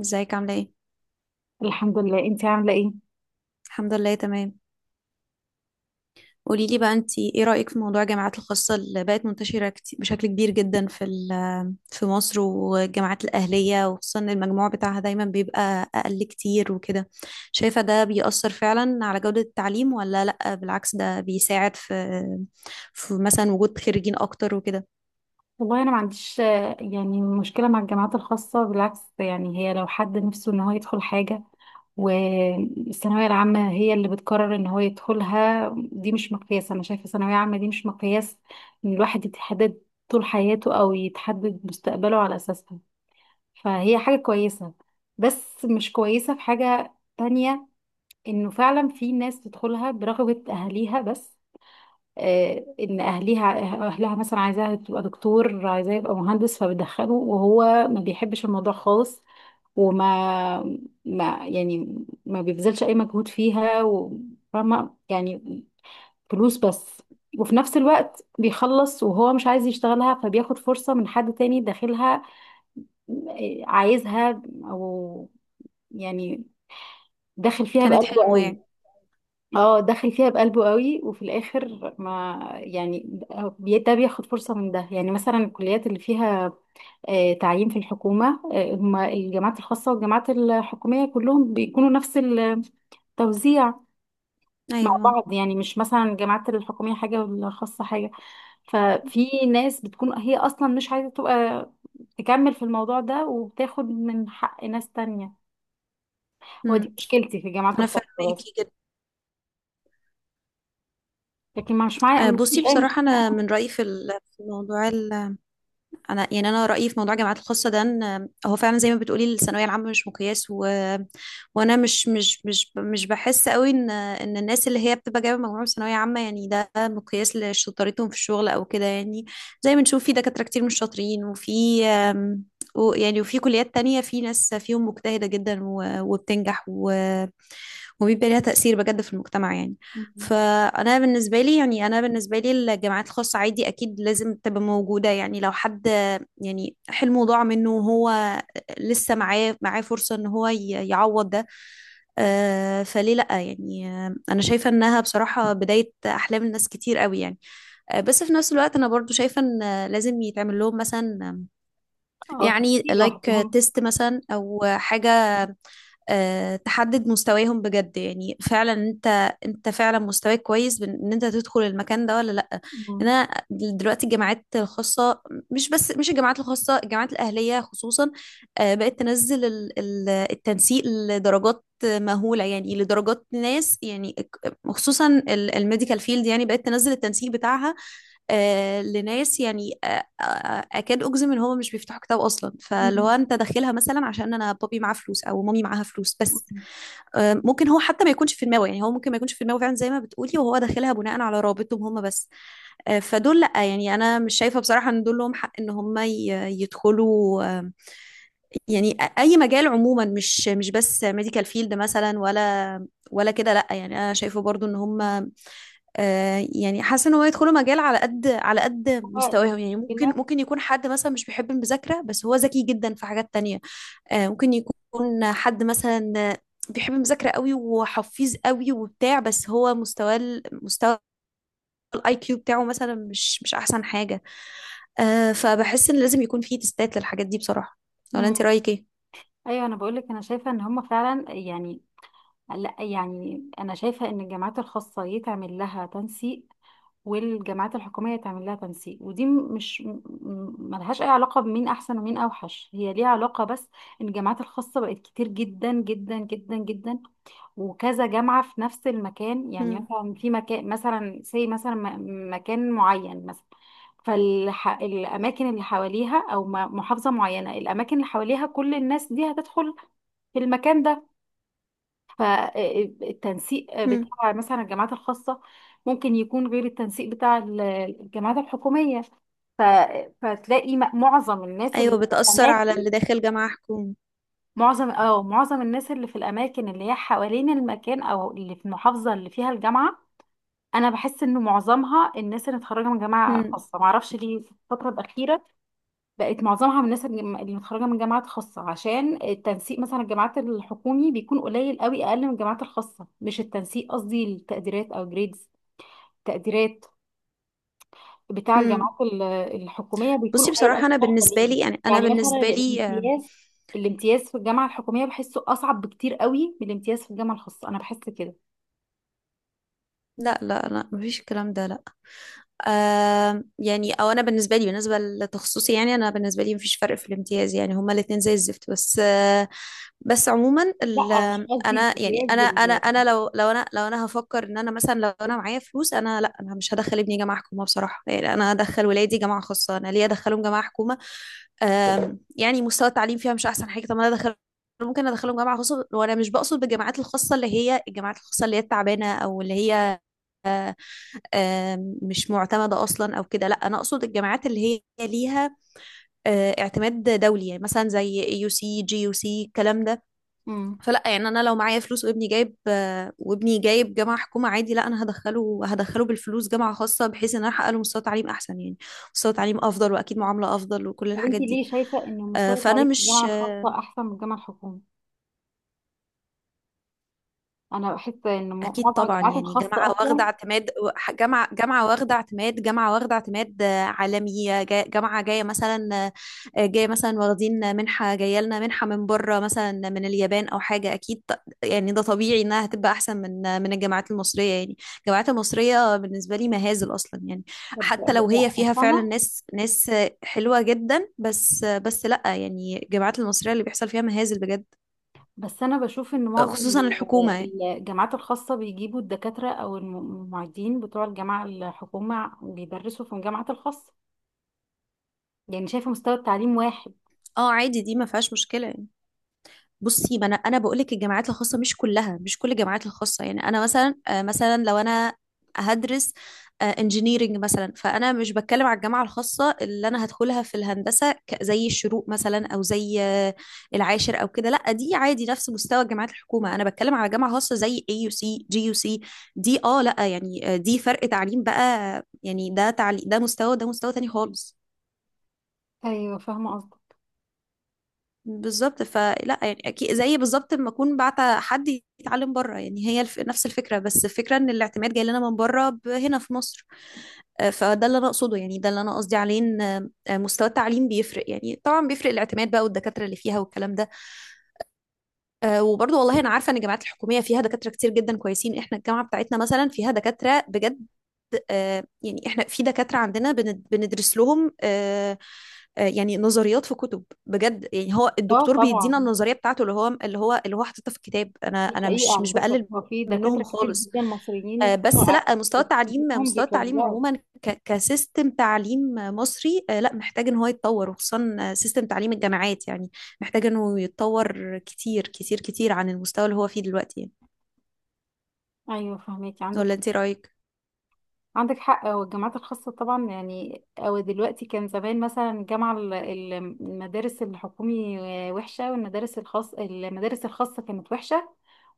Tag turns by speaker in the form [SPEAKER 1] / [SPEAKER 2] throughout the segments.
[SPEAKER 1] ازيك؟ عاملة ايه؟
[SPEAKER 2] الحمد لله، انتي عامله ايه؟
[SPEAKER 1] الحمد لله تمام. قولي لي بقى، انتي ايه رأيك في موضوع الجامعات الخاصة اللي بقت منتشرة كتير بشكل كبير جدا في مصر، والجامعات الأهلية؟ وخصوصا ان المجموع بتاعها دايما بيبقى أقل كتير وكده. شايفة ده بيأثر فعلا على جودة التعليم ولا لأ؟ بالعكس، ده بيساعد في مثلا وجود خريجين أكتر وكده؟
[SPEAKER 2] والله انا ما عنديش يعني مشكله مع الجامعات الخاصه. بالعكس، يعني هي لو حد نفسه ان هو يدخل حاجه والثانويه العامه هي اللي بتقرر ان هو يدخلها، دي مش مقياس. انا شايفه الثانويه العامه دي مش مقياس ان الواحد يتحدد طول حياته او يتحدد مستقبله على اساسها. فهي حاجه كويسه، بس مش كويسه في حاجه تانية، انه فعلا في ناس تدخلها برغبه اهاليها بس. آه، ان اهليها اهلها مثلا عايزاها تبقى دكتور، عايزاه يبقى مهندس، فبيدخله وهو ما بيحبش الموضوع خالص. وما ما يعني ما بيبذلش اي مجهود فيها وفاهمه، يعني فلوس بس. وفي نفس الوقت بيخلص وهو مش عايز يشتغلها، فبياخد فرصة من حد تاني داخلها. آه، عايزها او يعني داخل فيها
[SPEAKER 1] كانت
[SPEAKER 2] بقلبه
[SPEAKER 1] حلمه
[SPEAKER 2] قوي.
[SPEAKER 1] يعني.
[SPEAKER 2] اه، دخل فيها بقلبه قوي وفي الاخر، ما يعني، ده بياخد فرصه من ده. يعني مثلا الكليات اللي فيها تعيين في الحكومه، هما الجامعات الخاصه والجامعات الحكوميه كلهم بيكونوا نفس التوزيع مع
[SPEAKER 1] أيوه.
[SPEAKER 2] بعض. يعني مش مثلا الجامعات الحكوميه حاجه والخاصه حاجه. ففي ناس بتكون هي اصلا مش عايزه تبقى تكمل في الموضوع ده وبتاخد من حق ناس تانية. هو دي
[SPEAKER 1] مم.
[SPEAKER 2] مشكلتي في الجامعات
[SPEAKER 1] أنا
[SPEAKER 2] الخاصه بس،
[SPEAKER 1] فاهماكي جدا.
[SPEAKER 2] لكن مش معايا
[SPEAKER 1] بصي،
[SPEAKER 2] مش اي
[SPEAKER 1] بصراحة أنا
[SPEAKER 2] مشكله.
[SPEAKER 1] من رأيي في موضوع، انا يعني انا رايي في موضوع الجامعات الخاصه ده، ان هو فعلا زي ما بتقولي، الثانويه العامه مش مقياس. وانا مش بحس قوي ان الناس اللي هي بتبقى جايبه مجموع من ثانويه عامه، يعني ده مقياس لشطارتهم في الشغل او كده يعني. زي ما نشوف في دكاتره كتير مش شاطرين، يعني وفي كليات تانية في ناس فيهم مجتهده جدا وبتنجح وبيبقى ليها تأثير بجد في المجتمع يعني. فأنا بالنسبة لي الجامعات الخاصة عادي، أكيد لازم تبقى موجودة، يعني لو حد يعني حلمه ضاع منه، وهو لسه معاه فرصة إن هو يعوض ده، آه فليه لأ يعني. آه، أنا شايفة إنها بصراحة بداية أحلام الناس كتير قوي يعني. آه، بس في نفس الوقت أنا برضو شايفة إن لازم يتعمل لهم مثلا
[SPEAKER 2] اه،
[SPEAKER 1] يعني
[SPEAKER 2] خطيب
[SPEAKER 1] لايك
[SPEAKER 2] لوحدهم.
[SPEAKER 1] تيست مثلا، أو حاجة تحدد مستواهم بجد. يعني فعلا انت فعلا مستواك كويس بان إن انت تدخل المكان ده ولا لا. إن
[SPEAKER 2] مم.
[SPEAKER 1] انا دلوقتي الجامعات الخاصه، مش الجامعات الخاصه، الجامعات الاهليه خصوصا، بقت تنزل التنسيق لدرجات مهوله، يعني لدرجات ناس، يعني خصوصا الميديكال فيلد، يعني بقت تنزل التنسيق بتاعها لناس يعني، آه، اكاد اجزم ان هما مش بيفتحوا كتاب اصلا. فاللي هو
[SPEAKER 2] مم.
[SPEAKER 1] انت داخلها مثلا عشان انا بابي معاه فلوس او مامي معاها فلوس بس.
[SPEAKER 2] مم.
[SPEAKER 1] ممكن هو حتى ما يكونش في دماغه، يعني هو ممكن ما يكونش في دماغه فعلا زي ما بتقولي، وهو داخلها بناء على رابطهم هما بس. فدول لا، يعني انا مش شايفه بصراحه ان دول لهم حق ان هم يدخلوا يعني اي مجال عموما، مش بس ميديكال فيلد مثلا ولا كده، لا. يعني انا شايفه برضو ان هم يعني حاسه ان هو يدخلوا مجال على قد
[SPEAKER 2] هو
[SPEAKER 1] مستواهم. يعني ممكن
[SPEAKER 2] المشكلة.
[SPEAKER 1] ممكن يكون حد مثلا مش بيحب المذاكره، بس هو ذكي جدا في حاجات تانية. ممكن يكون حد مثلا بيحب المذاكره قوي وحفيظ قوي وبتاع، بس هو مستواه مستوى الاي كيو بتاعه مثلا مش احسن حاجه. فبحس ان لازم يكون في تستات للحاجات دي بصراحه. ولا انت
[SPEAKER 2] مم.
[SPEAKER 1] رايك ايه؟
[SPEAKER 2] أيوة، أنا بقولك أنا شايفة إن هما فعلا، يعني، لا يعني أنا شايفة إن الجامعات الخاصة يتعمل لها تنسيق والجامعات الحكومية يتعمل لها تنسيق. ودي م- مش م- م- ملهاش أي علاقة بمين أحسن ومين أوحش. هي ليها علاقة بس إن الجامعات الخاصة بقت كتير جدا جدا جدا جدا، وكذا جامعة في نفس المكان. يعني
[SPEAKER 1] مم.
[SPEAKER 2] مثلا في مكان، مثلا زي مثلا مكان معين مثلا، فالأماكن اللي حواليها أو محافظة معينة، الأماكن اللي حواليها كل الناس دي هتدخل في المكان ده. فالتنسيق
[SPEAKER 1] مم.
[SPEAKER 2] بتاع مثلا الجامعات الخاصة ممكن يكون غير التنسيق بتاع الجامعات الحكومية. ف... فتلاقي معظم الناس اللي
[SPEAKER 1] ايوه
[SPEAKER 2] في
[SPEAKER 1] بتاثر على
[SPEAKER 2] الأماكن،
[SPEAKER 1] اللي داخل جامعه حكومي.
[SPEAKER 2] معظم الناس اللي في الأماكن اللي هي حوالين المكان أو اللي في المحافظة اللي فيها الجامعة. انا بحس انه معظمها الناس اللي متخرجه من جامعه
[SPEAKER 1] مم.
[SPEAKER 2] خاصه، معرفش ليه. في الفتره الاخيره بقت معظمها من الناس اللي متخرجه من جامعات خاصه، عشان التنسيق مثلا الجامعات الحكومي بيكون قليل قوي، اقل من الجامعات الخاصه. مش التنسيق، قصدي التقديرات او جريدز، تقديرات بتاع
[SPEAKER 1] مم.
[SPEAKER 2] الجامعات الحكوميه بيكون
[SPEAKER 1] بصي
[SPEAKER 2] قليل قوي
[SPEAKER 1] بصراحه،
[SPEAKER 2] في
[SPEAKER 1] انا
[SPEAKER 2] الفترة
[SPEAKER 1] بالنسبه
[SPEAKER 2] دي.
[SPEAKER 1] لي يعني انا
[SPEAKER 2] يعني مثلا
[SPEAKER 1] بالنسبه لي آه،
[SPEAKER 2] الامتياز في الجامعه الحكوميه بحسه اصعب بكتير قوي من الامتياز في الجامعه الخاصه، انا بحس كده.
[SPEAKER 1] لا لا لا، مفيش الكلام ده، لا. آم يعني، او انا بالنسبه لي، بالنسبه لتخصصي، يعني انا بالنسبه لي مفيش فرق في الامتياز، يعني هما الاتنين زي الزفت. بس آه بس عموما
[SPEAKER 2] لا، مش قصدي
[SPEAKER 1] انا يعني،
[SPEAKER 2] الامتياز
[SPEAKER 1] انا انا
[SPEAKER 2] ال-
[SPEAKER 1] انا لو لو انا لو انا هفكر ان انا مثلا لو انا معايا فلوس، انا لا، انا مش هدخل ابني جامعه حكومه بصراحه، يعني انا هدخل ولادي جامعه خاصه. انا ليه ادخلهم جامعه حكومه؟ يعني مستوى التعليم فيها مش احسن حاجه، طب ما انا ادخل، ممكن ادخلهم جامعه خاصه. وانا مش بقصد بالجامعات الخاصه اللي هي الجامعات الخاصه اللي هي التعبانه، او اللي هي مش معتمدة أصلا أو كده، لا. أنا أقصد الجامعات اللي هي ليها اعتماد دولي، يعني مثلا زي يو سي، جي يو سي، الكلام ده.
[SPEAKER 2] مم.
[SPEAKER 1] فلا، يعني أنا لو معايا فلوس وابني جايب جامعة حكومة عادي، لا، أنا هدخله، هدخله بالفلوس جامعة خاصة، بحيث إن أنا أحقق له مستوى تعليم أحسن، يعني مستوى تعليم أفضل، وأكيد معاملة أفضل، وكل
[SPEAKER 2] هو انت
[SPEAKER 1] الحاجات دي.
[SPEAKER 2] ليه شايفه ان
[SPEAKER 1] آه،
[SPEAKER 2] مستوى
[SPEAKER 1] فأنا
[SPEAKER 2] التعليم في الجامعه
[SPEAKER 1] مش
[SPEAKER 2] الخاصه احسن من الجامعه الحكوميه؟ انا بحس ان
[SPEAKER 1] اكيد
[SPEAKER 2] معظم
[SPEAKER 1] طبعا،
[SPEAKER 2] الجامعات
[SPEAKER 1] يعني
[SPEAKER 2] الخاصه
[SPEAKER 1] جامعه
[SPEAKER 2] اصلا.
[SPEAKER 1] واخده اعتماد، جامعه واخده اعتماد عالمي، جامعه جايه مثلا جايه مثلا واخدين منحه، جايه لنا منحه من بره مثلا، من اليابان او حاجه، اكيد يعني ده طبيعي انها هتبقى احسن من من الجامعات المصريه، يعني الجامعات المصريه بالنسبه لي مهازل اصلا يعني.
[SPEAKER 2] طب-
[SPEAKER 1] حتى لو
[SPEAKER 2] بس
[SPEAKER 1] هي فيها فعلا
[SPEAKER 2] انا
[SPEAKER 1] ناس ناس آه، حلوه جدا، بس آه، بس لا يعني، الجامعات المصريه اللي بيحصل فيها مهازل بجد،
[SPEAKER 2] بس انا بشوف ان معظم
[SPEAKER 1] خصوصا الحكومه يعني.
[SPEAKER 2] الجامعات الخاصه بيجيبوا الدكاتره او المعيدين بتوع الجامعه الحكومه بيدرسوا في الجامعات الخاصه. يعني شايفه مستوى التعليم واحد.
[SPEAKER 1] اه عادي، دي ما فيهاش مشكله يعني. بصي، ما انا بقول لك الجامعات الخاصه مش كلها، مش كل الجامعات الخاصه. يعني انا مثلا، مثلا لو انا هدرس انجينيرنج مثلا، فانا مش بتكلم على الجامعه الخاصه اللي انا هدخلها في الهندسه زي الشروق مثلا، او زي العاشر او كده، لا، دي عادي نفس مستوى جامعات الحكومه. انا بتكلم على جامعه خاصه زي اي يو سي، جي يو سي، دي اه. لا يعني دي فرق تعليم بقى، يعني ده تعليم، ده مستوى، ده مستوى تاني خالص.
[SPEAKER 2] ايوه، فاهمه قصدك.
[SPEAKER 1] بالظبط. فلا يعني، اكيد زي بالظبط لما اكون بعت حد يتعلم بره، يعني هي نفس الفكره، بس الفكره ان الاعتماد جاي لنا من بره، هنا في مصر. فده اللي انا اقصده، يعني ده اللي انا قصدي عليه، ان مستوى التعليم بيفرق، يعني طبعا بيفرق، الاعتماد بقى، والدكاتره اللي فيها، والكلام ده. وبرضه والله انا عارفه ان الجامعات الحكوميه فيها دكاتره كتير جدا كويسين، احنا الجامعه بتاعتنا مثلا فيها دكاتره بجد. يعني احنا في دكاترة عندنا بندرس لهم، يعني نظريات في كتب بجد، يعني هو
[SPEAKER 2] اه
[SPEAKER 1] الدكتور بيدينا
[SPEAKER 2] طبعا،
[SPEAKER 1] النظرية بتاعته اللي هو حاططها في الكتاب. انا
[SPEAKER 2] دي
[SPEAKER 1] انا
[SPEAKER 2] حقيقه
[SPEAKER 1] مش
[SPEAKER 2] على فكره.
[SPEAKER 1] بقلل
[SPEAKER 2] هو في دكاتره
[SPEAKER 1] منهم
[SPEAKER 2] كتير
[SPEAKER 1] خالص.
[SPEAKER 2] جدا مصريين
[SPEAKER 1] بس لا، مستوى التعليم،
[SPEAKER 2] فيهم
[SPEAKER 1] مستوى التعليم
[SPEAKER 2] بيتوزعوا.
[SPEAKER 1] عموما كسيستم تعليم مصري، لا، محتاج ان هو يتطور، وخصوصا سيستم تعليم الجامعات، يعني محتاج انه يتطور كتير كتير كتير عن المستوى اللي هو فيه دلوقتي يعني.
[SPEAKER 2] ايوه فهميكي. عندك
[SPEAKER 1] ولا انت رأيك؟
[SPEAKER 2] عندك حق. هو الجامعات الخاصة طبعا، يعني، أو دلوقتي، كان زمان مثلا المدارس الحكومي وحشة، والمدارس الخاصة كانت وحشة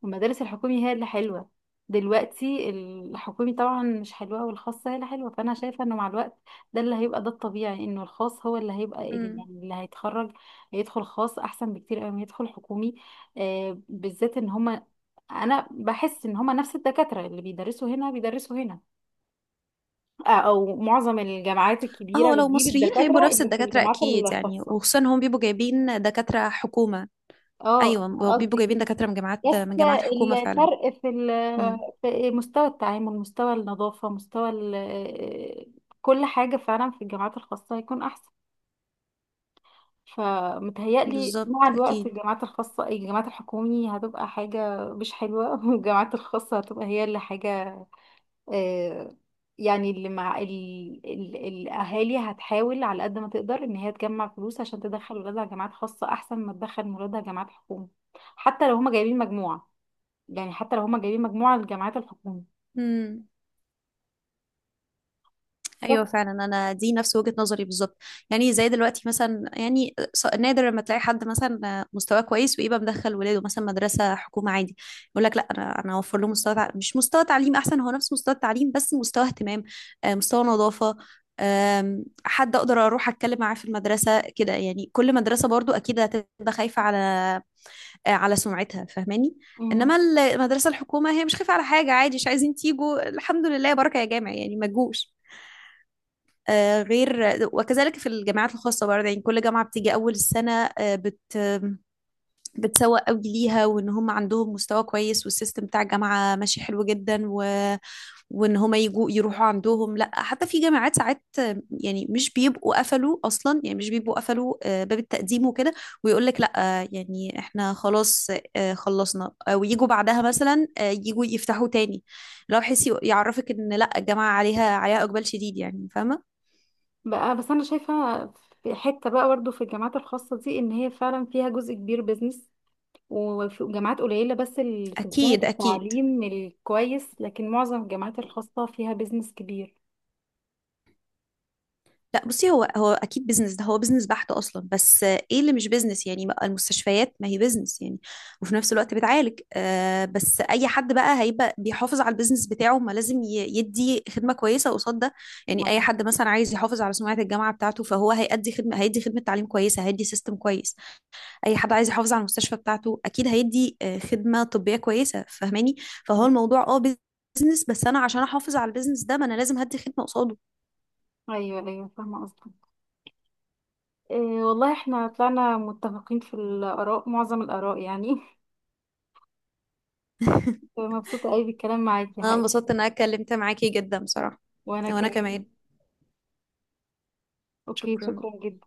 [SPEAKER 2] والمدارس الحكومي هي اللي حلوة. دلوقتي الحكومي طبعا مش حلوة والخاصة هي اللي حلوة، فأنا شايفة إنه مع الوقت ده اللي هيبقى. ده الطبيعي إنه الخاص هو اللي هيبقى
[SPEAKER 1] مم.
[SPEAKER 2] اللي هيتخرج هيدخل خاص أحسن بكتير أوي ما يدخل حكومي. بالذات إن هما، أنا بحس إن هما نفس الدكاترة اللي بيدرسوا هنا بيدرسوا هنا. او معظم الجامعات
[SPEAKER 1] اه،
[SPEAKER 2] الكبيره
[SPEAKER 1] هو لو
[SPEAKER 2] بتجيب
[SPEAKER 1] مصريين هيبقوا
[SPEAKER 2] الدكاتره
[SPEAKER 1] نفس
[SPEAKER 2] اللي في
[SPEAKER 1] الدكاترة
[SPEAKER 2] الجامعات
[SPEAKER 1] أكيد يعني،
[SPEAKER 2] الخاصه.
[SPEAKER 1] وخصوصا هم بيبقوا جايبين دكاترة حكومة.
[SPEAKER 2] اه،
[SPEAKER 1] أيوة،
[SPEAKER 2] قصدي
[SPEAKER 1] بيبقوا جايبين
[SPEAKER 2] كده.
[SPEAKER 1] دكاترة من جامعات،
[SPEAKER 2] بس
[SPEAKER 1] من جامعات حكومة فعلا.
[SPEAKER 2] الفرق في
[SPEAKER 1] امم.
[SPEAKER 2] في مستوى التعامل، مستوى النظافه، مستوى كل حاجه فعلا في الجامعات الخاصه هيكون احسن. فمتهيألي مع
[SPEAKER 1] بالظبط
[SPEAKER 2] الوقت
[SPEAKER 1] أكيد.
[SPEAKER 2] الجامعات الحكومية هتبقى حاجة مش حلوة والجامعات الخاصة هتبقى هي اللي حاجة. آه، يعني اللي مع الأهالي هتحاول على قد ما تقدر إن هي تجمع فلوس عشان تدخل ولادها جامعات خاصة أحسن ما تدخل ولادها جامعات حكومة، حتى لو هما جايبين مجموعة. الجامعات الحكومة.
[SPEAKER 1] امم.
[SPEAKER 2] بس.
[SPEAKER 1] ايوه فعلا، انا دي نفس وجهة نظري بالظبط. يعني زي دلوقتي مثلا، يعني نادر لما تلاقي حد مثلا مستواه كويس، ويبقى مدخل ولاده مثلا مدرسة حكومة عادي. يقول لك لا، انا اوفر له مستوى مش مستوى تعليم احسن، هو نفس مستوى التعليم، بس مستوى اهتمام، مستوى نظافة، حد اقدر اروح اتكلم معاه في المدرسة كده. يعني كل مدرسة برضو اكيد هتبقى خايفة على على سمعتها، فاهماني.
[SPEAKER 2] مم.
[SPEAKER 1] انما المدرسة الحكومة هي مش خايفة على حاجة، عادي، مش عايزين تيجوا، الحمد لله بركة، يا جامع يعني، ما تجوش. غير وكذلك في الجامعات الخاصة برضه، يعني كل جامعة بتيجي أول السنة، آه، بت بتسوق قوي ليها، وإن هم عندهم مستوى كويس، والسيستم بتاع الجامعة ماشي حلو جدا، وإن هم يجوا يروحوا عندهم. لا، حتى في جامعات ساعات يعني مش بيبقوا قفلوا أصلا، يعني مش بيبقوا قفلوا باب التقديم وكده، ويقول لك لا، يعني إحنا خلاص خلصنا، ويجوا بعدها مثلا يجوا يفتحوا تاني، لو حس يعرفك إن لا، الجامعة عليها إقبال شديد يعني، فاهمة.
[SPEAKER 2] بقى بس أنا شايفة في حتة بقى برضه في الجامعات الخاصة دي، إن هي فعلا فيها جزء كبير بيزنس، وفي جامعات قليلة بس اللي بتهتم
[SPEAKER 1] اكيد اكيد.
[SPEAKER 2] بالتعليم الكويس، لكن معظم الجامعات الخاصة فيها بيزنس كبير.
[SPEAKER 1] لا بصي، هو اكيد بيزنس، ده هو بيزنس بحت اصلا. بس آه، ايه اللي مش بيزنس يعني، المستشفيات ما هي بيزنس يعني، وفي نفس الوقت بتعالج. آه، بس اي حد بقى هيبقى بيحافظ على البيزنس بتاعه، ما لازم يدي خدمة كويسة قصاد ده. يعني اي
[SPEAKER 2] أيوة
[SPEAKER 1] حد مثلا عايز يحافظ على سمعة الجامعة بتاعته، فهو هيأدي خدمة، هيدي خدمة تعليم كويسة، هيدي سيستم كويس. اي حد عايز يحافظ على المستشفى بتاعته اكيد هيدي خدمة طبية كويسة، فاهماني. فهو الموضوع اه بيزنس، بس انا عشان احافظ على البيزنس ده، ما انا لازم هدي خدمة قصاده.
[SPEAKER 2] أيوة أيوة، فاهمة قصدك. إيه، والله احنا طلعنا متفقين في الآراء، معظم الآراء، يعني. مبسوطة قوي بالكلام معاكي
[SPEAKER 1] انا
[SPEAKER 2] حقيقي.
[SPEAKER 1] انبسطت ان انا اتكلمت معاكي جدا بصراحة.
[SPEAKER 2] وأنا
[SPEAKER 1] وانا
[SPEAKER 2] كمان.
[SPEAKER 1] كمان.
[SPEAKER 2] أوكي،
[SPEAKER 1] شكرا.
[SPEAKER 2] شكرا جدا.